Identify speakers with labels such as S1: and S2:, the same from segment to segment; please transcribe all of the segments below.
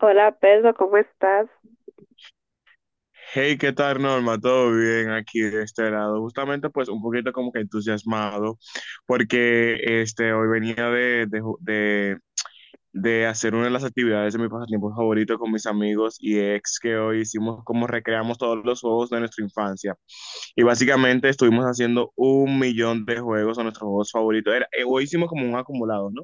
S1: Hola Pedro, ¿cómo estás?
S2: Hey, ¿qué tal, Norma? ¿Todo bien aquí de este lado? Justamente, pues, un poquito como que entusiasmado, porque este, hoy venía de hacer una de las actividades de mi pasatiempo favorito con mis amigos y ex que hoy hicimos como recreamos todos los juegos de nuestra infancia. Y básicamente estuvimos haciendo un millón de juegos, o nuestros juegos favoritos. Era, hoy hicimos como un acumulado, ¿no?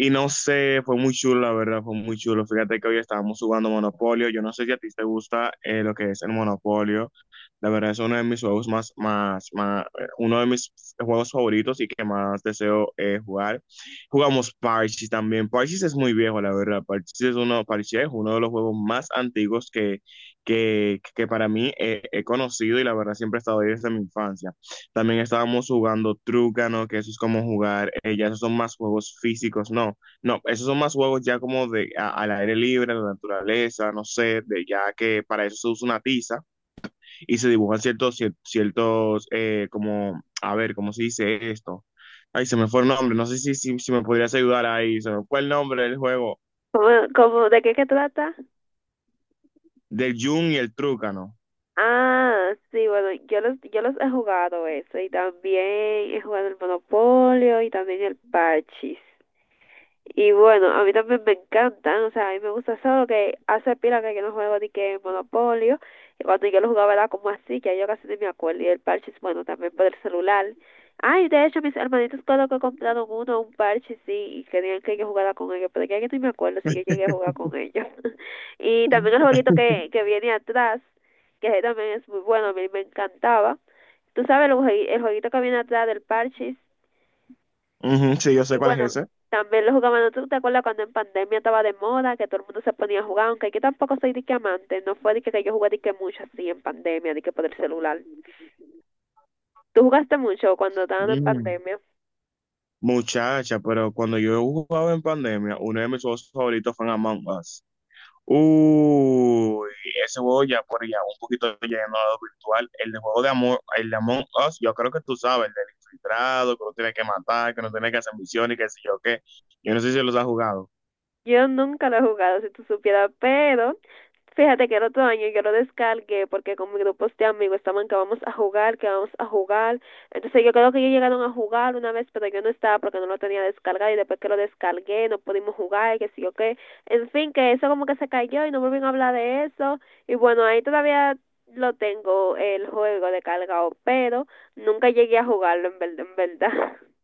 S2: Y no sé, fue muy chulo, la verdad, fue muy chulo. Fíjate que hoy estábamos jugando Monopolio. Yo no sé si a ti te gusta lo que es el Monopolio. La verdad es uno de mis juegos más, más, más, uno de mis juegos favoritos y que más deseo jugar. Jugamos Parchís también. Parchís es muy viejo, la verdad. Parchís es uno de los juegos más antiguos que para mí he conocido y la verdad siempre he estado ahí desde mi infancia. También estábamos jugando Trúcano, que eso es como jugar, ya esos son más juegos físicos, no, no, esos son más juegos ya como al aire libre, a la naturaleza, no sé, de ya que para eso se usa una tiza y se dibujan ciertos, como, a ver, ¿cómo se dice esto? Ay, se me fue el nombre, no sé si me podrías ayudar ahí, se me fue el nombre del juego,
S1: ¿Cómo, de qué que trata?
S2: del yun y el Trúcano.
S1: Ah, sí, bueno, yo los he jugado eso y también he jugado el Monopolio y también el Parchís. Y bueno, a mí también me encantan, o sea, a mí me gusta, solo que hace pila que yo no juego ni que Monopolio, y cuando yo lo jugaba era como así, que yo casi ni me acuerdo, y el parche es bueno también por el celular. Ay, de hecho, mis hermanitos cuando que compraron uno, un parche, sí, y querían que yo jugara con ellos, pero ya que no me acuerdo si yo llegué a jugar con ellos. Y también el jueguito que viene atrás, que ese también es muy bueno, a mí me encantaba. Tú sabes, el jueguito que viene atrás del parche.
S2: Ujú, sí, yo sé
S1: Y
S2: cuál es
S1: bueno,
S2: ese.
S1: también lo jugaban. ¿No tú te acuerdas cuando en pandemia estaba de moda, que todo el mundo se ponía a jugar? Aunque yo tampoco soy dique amante, no fue dique que yo jugué dique mucho así en pandemia, dique por el celular. ¿Tú jugaste mucho cuando estaban en
S2: Ujú.
S1: pandemia?
S2: Muchacha, pero cuando yo jugaba en pandemia, uno de mis juegos favoritos fue Among Us. Uy, ese juego ya por ya un poquito lleno a lo virtual. El de juego de amor, el de Among Us, yo creo que tú sabes, el del infiltrado, que uno tiene que matar, que no tiene que hacer misiones y qué sé yo qué. Yo no sé si los has jugado.
S1: Yo nunca lo he jugado, si tú supieras, pero fíjate que el otro año yo lo descargué porque con mis grupos de amigos estaban que vamos a jugar, que vamos a jugar. Entonces yo creo que ellos llegaron a jugar una vez, pero yo no estaba porque no lo tenía descargado, y después que lo descargué no pudimos jugar y que sí o qué. En fin, que eso como que se cayó y no volvieron a hablar de eso. Y bueno, ahí todavía lo tengo el juego descargado, pero nunca llegué a jugarlo en verdad.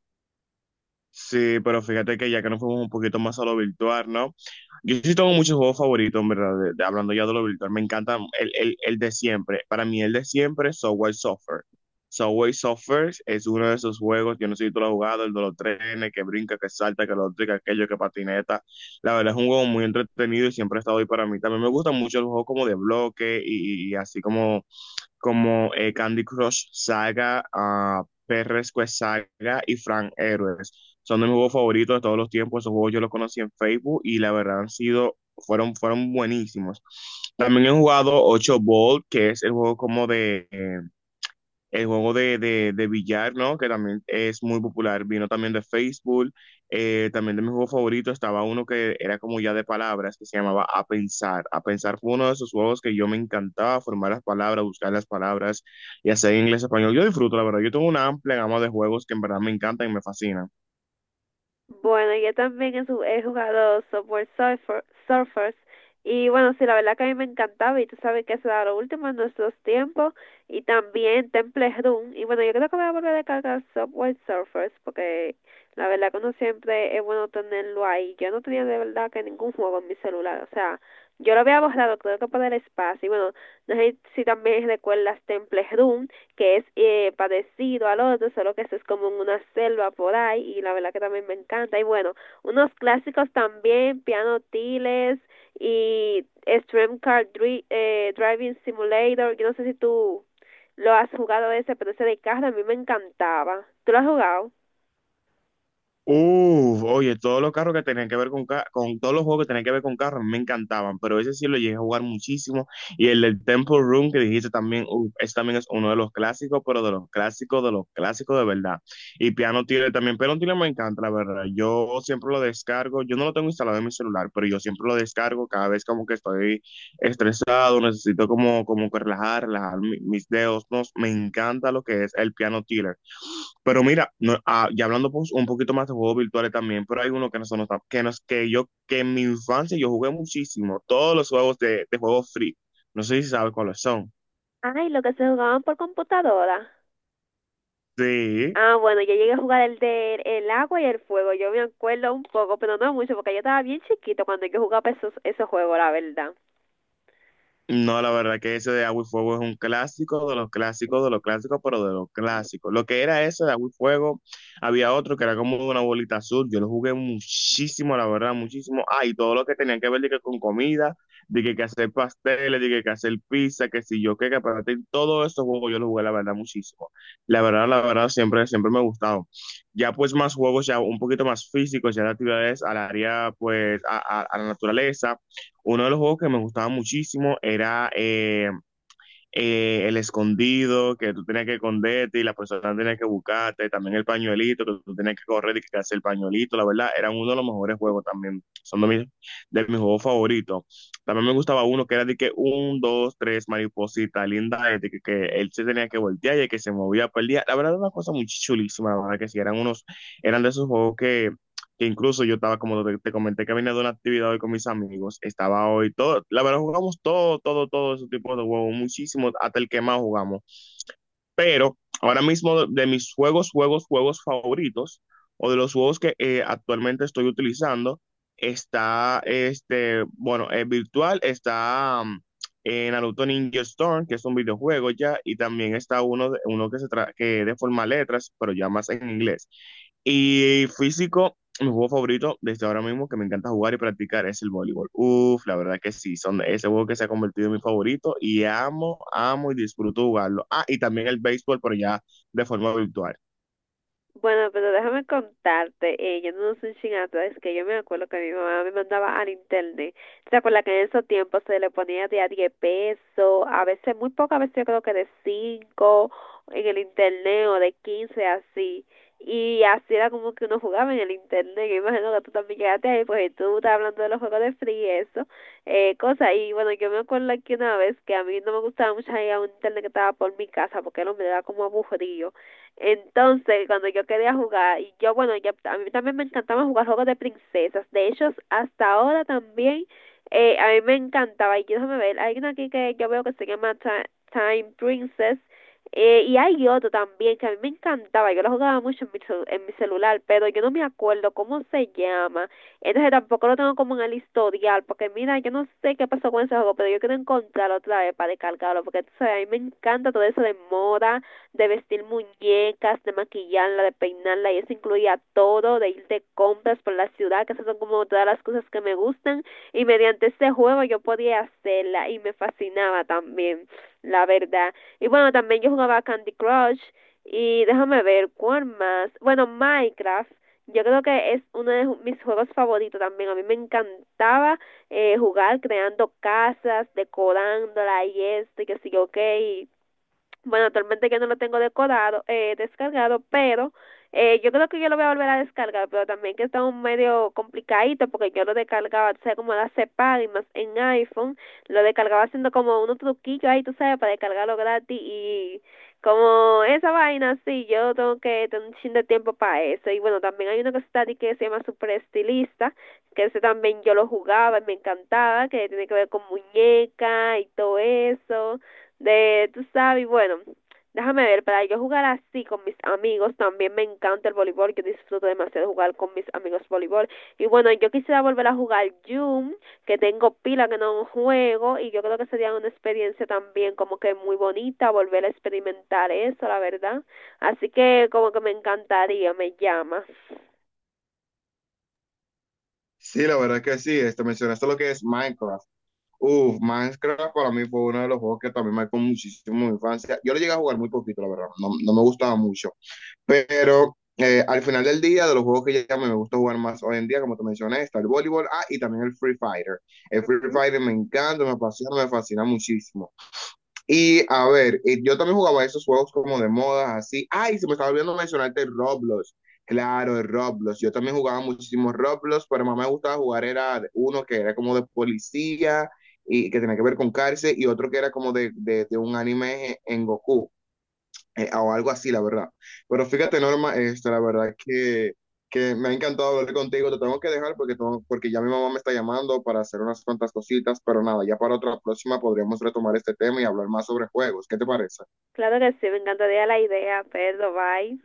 S2: Sí, pero fíjate que ya que nos fuimos un poquito más a lo virtual, ¿no? Yo sí tengo muchos juegos favoritos, en verdad, hablando ya de lo virtual, me encanta el de siempre. Para mí el de siempre es Subway Surfer. Subway Surfer es uno de esos juegos, yo no sé si tú lo has jugado, el de los trenes, que brinca, que salta, que lo otro, que aquello, que patineta. La verdad es un juego muy entretenido y siempre ha estado ahí para mí. También me gustan mucho los juegos como de bloque y así como Candy Crush Saga, ah, PRS Quest Saga y Frank Heroes. Son de mis juegos favoritos de todos los tiempos. Esos juegos yo los conocí en Facebook y la verdad han sido, fueron, fueron buenísimos. También he jugado 8 Ball, que es el juego como de, el juego de billar, ¿no? Que también es muy popular. Vino también de Facebook. También de mi juego favorito estaba uno que era como ya de palabras, que se llamaba A Pensar. A Pensar fue uno de esos juegos que yo me encantaba, formar las palabras, buscar las palabras, y hacer inglés, español. Yo disfruto, la verdad. Yo tengo una amplia gama de juegos que en verdad me encantan y me fascinan.
S1: Bueno, yo también he jugado software Surfer, Surfers, y bueno, sí, la verdad que a mí me encantaba, y tú sabes que eso era lo último en nuestros tiempos. Y también Temple Run. Y bueno, yo creo que voy a volver a descargar software Surfers porque la verdad que uno siempre es bueno tenerlo ahí. Yo no tenía de verdad que ningún juego en mi celular, o sea, yo lo había borrado creo que por el espacio. Y bueno, no sé si también recuerdas Temple Run, que es parecido al otro, solo que eso es como en una selva por ahí, y la verdad que también me encanta. Y bueno, unos clásicos también, Piano Tiles y Extreme Car Driving Simulator. Yo no sé si tú lo has jugado ese, pero ese de carro a mí me encantaba. ¿Tú lo has jugado?
S2: Uf, oye, todos los carros que tenían que ver con todos los juegos que tenían que ver con carros me encantaban, pero ese sí lo llegué a jugar muchísimo. Y el del Temple Run que dijiste también, uf, ese también es uno de los clásicos, pero de los clásicos, de los clásicos de verdad. Y Piano Tiller también, Piano Tiller me encanta, la verdad. Yo siempre lo descargo, yo no lo tengo instalado en mi celular, pero yo siempre lo descargo cada vez como que estoy estresado, necesito como, como que relajar, relajar mis dedos, no, me encanta lo que es el Piano Tiller. Pero mira, no, ah, ya hablando pues, un poquito más de juegos virtuales también, pero hay uno que no son que no es que yo, que en mi infancia yo jugué muchísimo, todos los juegos de juegos free. No sé si sabes cuáles son.
S1: Ay, lo que se jugaban por computadora.
S2: Sí.
S1: Ah, bueno, yo llegué a jugar el de el agua y el fuego. Yo me acuerdo un poco, pero no mucho, porque yo estaba bien chiquito cuando yo jugaba esos juegos, la verdad.
S2: No, la verdad que ese de Agua y Fuego es un clásico de los clásicos, pero de los clásicos. Lo que era ese de Agua y Fuego, había otro que era como una bolita azul. Yo lo jugué muchísimo, la verdad, muchísimo. Ah, y todo lo que tenían que ver de que con comida, de que hacer pasteles, de que hacer pizza, que si yo qué, que para ti, todo eso juegos yo lo jugué, la verdad, muchísimo. La verdad, siempre, siempre me ha gustado. Ya pues más juegos, ya un poquito más físicos, ya de actividades al área, pues, a la naturaleza uno de los juegos que me gustaba muchísimo era el escondido, que tú tenías que esconderte y la persona tenía que buscarte, también el pañuelito, que tú tenías que correr y que hacer el pañuelito, la verdad, eran uno de los mejores juegos también, son de mis juegos favoritos. También me gustaba uno que era de que un, dos, tres, mariposita, linda, de que él se tenía que voltear y el que se movía, perdía. La verdad, era una cosa muy chulísima, la verdad que sí, eran unos, eran de esos juegos que incluso yo estaba, como te comenté, que vine de una actividad hoy con mis amigos, estaba hoy todo, la verdad jugamos todo, todo, todo ese tipo de juegos, muchísimo, hasta el que más jugamos, pero ahora mismo de mis juegos, juegos, juegos favoritos, o de los juegos que actualmente estoy utilizando, está, este, bueno, es virtual, está, Naruto Ninja Storm, que es un videojuego ya, y también está uno que de forma letras, pero ya más en inglés. Y físico, mi juego favorito desde ahora mismo que me encanta jugar y practicar es el voleibol. Uf, la verdad que sí, son ese juego que se ha convertido en mi favorito y amo, amo y disfruto jugarlo. Ah, y también el béisbol, pero ya de forma virtual.
S1: Bueno, pero déjame contarte, yo no soy chin, es que yo me acuerdo que mi mamá me mandaba al internet. ¿Te acuerdas que en esos tiempos se le ponía de a 10 pesos, a veces muy poco, a veces yo creo que de 5 en el internet, o de 15 así? Y así era como que uno jugaba en el internet. Yo imagino que tú también llegaste ahí, pues, y tú estás hablando de los juegos de free y eso, cosa. Y bueno, yo me acuerdo que una vez que a mí no me gustaba mucho ir a un internet que estaba por mi casa porque no me daba, como, aburrido. Entonces, cuando yo quería jugar, y yo, bueno, a mí también me encantaba jugar juegos de princesas. De hecho, hasta ahora también, a mí me encantaba. Y yo, déjame ver, hay una aquí que yo veo que se llama Time Princess. Y hay otro también que a mí me encantaba. Yo lo jugaba mucho en en mi celular, pero yo no me acuerdo cómo se llama. Entonces, tampoco lo tengo como en el historial, porque mira, yo no sé qué pasó con ese juego, pero yo quiero encontrarlo otra vez para descargarlo, porque tú sabes, a mí me encanta todo eso de moda, de vestir muñecas, de maquillarla, de peinarla, y eso incluía todo, de ir de compras por la ciudad, que esas son como todas las cosas que me gustan, y mediante este juego yo podía hacerla y me fascinaba también, la verdad. Y bueno, también yo jugaba Candy Crush, y déjame ver cuál más. Bueno, Minecraft. Yo creo que es uno de mis juegos favoritos también. A mí me encantaba, jugar creando casas, decorándola y esto y que sí, ok. Y bueno, actualmente yo no lo tengo decodado, descargado, pero yo creo que yo lo voy a volver a descargar, pero también que está un medio complicadito porque yo lo descargaba, tú sabes, como la separa, y más en iPhone, lo descargaba haciendo como unos truquillos ahí, tú sabes, para descargarlo gratis, y como esa vaina, sí, yo tengo que tener un chin de tiempo para eso. Y bueno, también hay uno que está aquí que se llama Super Estilista, que ese también yo lo jugaba y me encantaba, que tiene que ver con muñeca y todo eso, de, tú sabes, bueno, déjame ver, para yo jugar así con mis amigos, también me encanta el voleibol, yo disfruto demasiado jugar con mis amigos voleibol. Y bueno, yo quisiera volver a jugar Zoom, que tengo pila que no juego, y yo creo que sería una experiencia también como que muy bonita, volver a experimentar eso, la verdad. Así que como que me encantaría, me llama.
S2: Sí, la verdad que sí, este, mencionaste lo que es Minecraft. Uf, Minecraft para mí fue uno de los juegos que también marcó muchísimo mi infancia. Yo lo llegué a jugar muy poquito, la verdad, no, no me gustaba mucho. Pero al final del día, de los juegos que ya me gusta jugar más hoy en día, como te mencioné, está el voleibol, ah, y también el Free Fighter. El Free Fighter me encanta, me apasiona, me fascina muchísimo. Y a ver, yo también jugaba esos juegos como de moda, así. Ay, se me estaba olvidando mencionarte el Roblox. Claro, el Roblox. Yo también jugaba muchísimos Roblox, pero más me gustaba jugar era uno que era como de policía y que tenía que ver con cárcel y otro que era como de un anime en Goku o algo así, la verdad. Pero fíjate,
S1: Ujú.
S2: Norma, este, la verdad que me ha encantado hablar contigo. Te tengo que dejar porque ya mi mamá me está llamando para hacer unas cuantas cositas, pero nada, ya para otra próxima podríamos retomar este tema y hablar más sobre juegos. ¿Qué te parece?
S1: Claro que sí, me encantaría la idea, pero bye.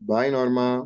S2: Bye, Norma.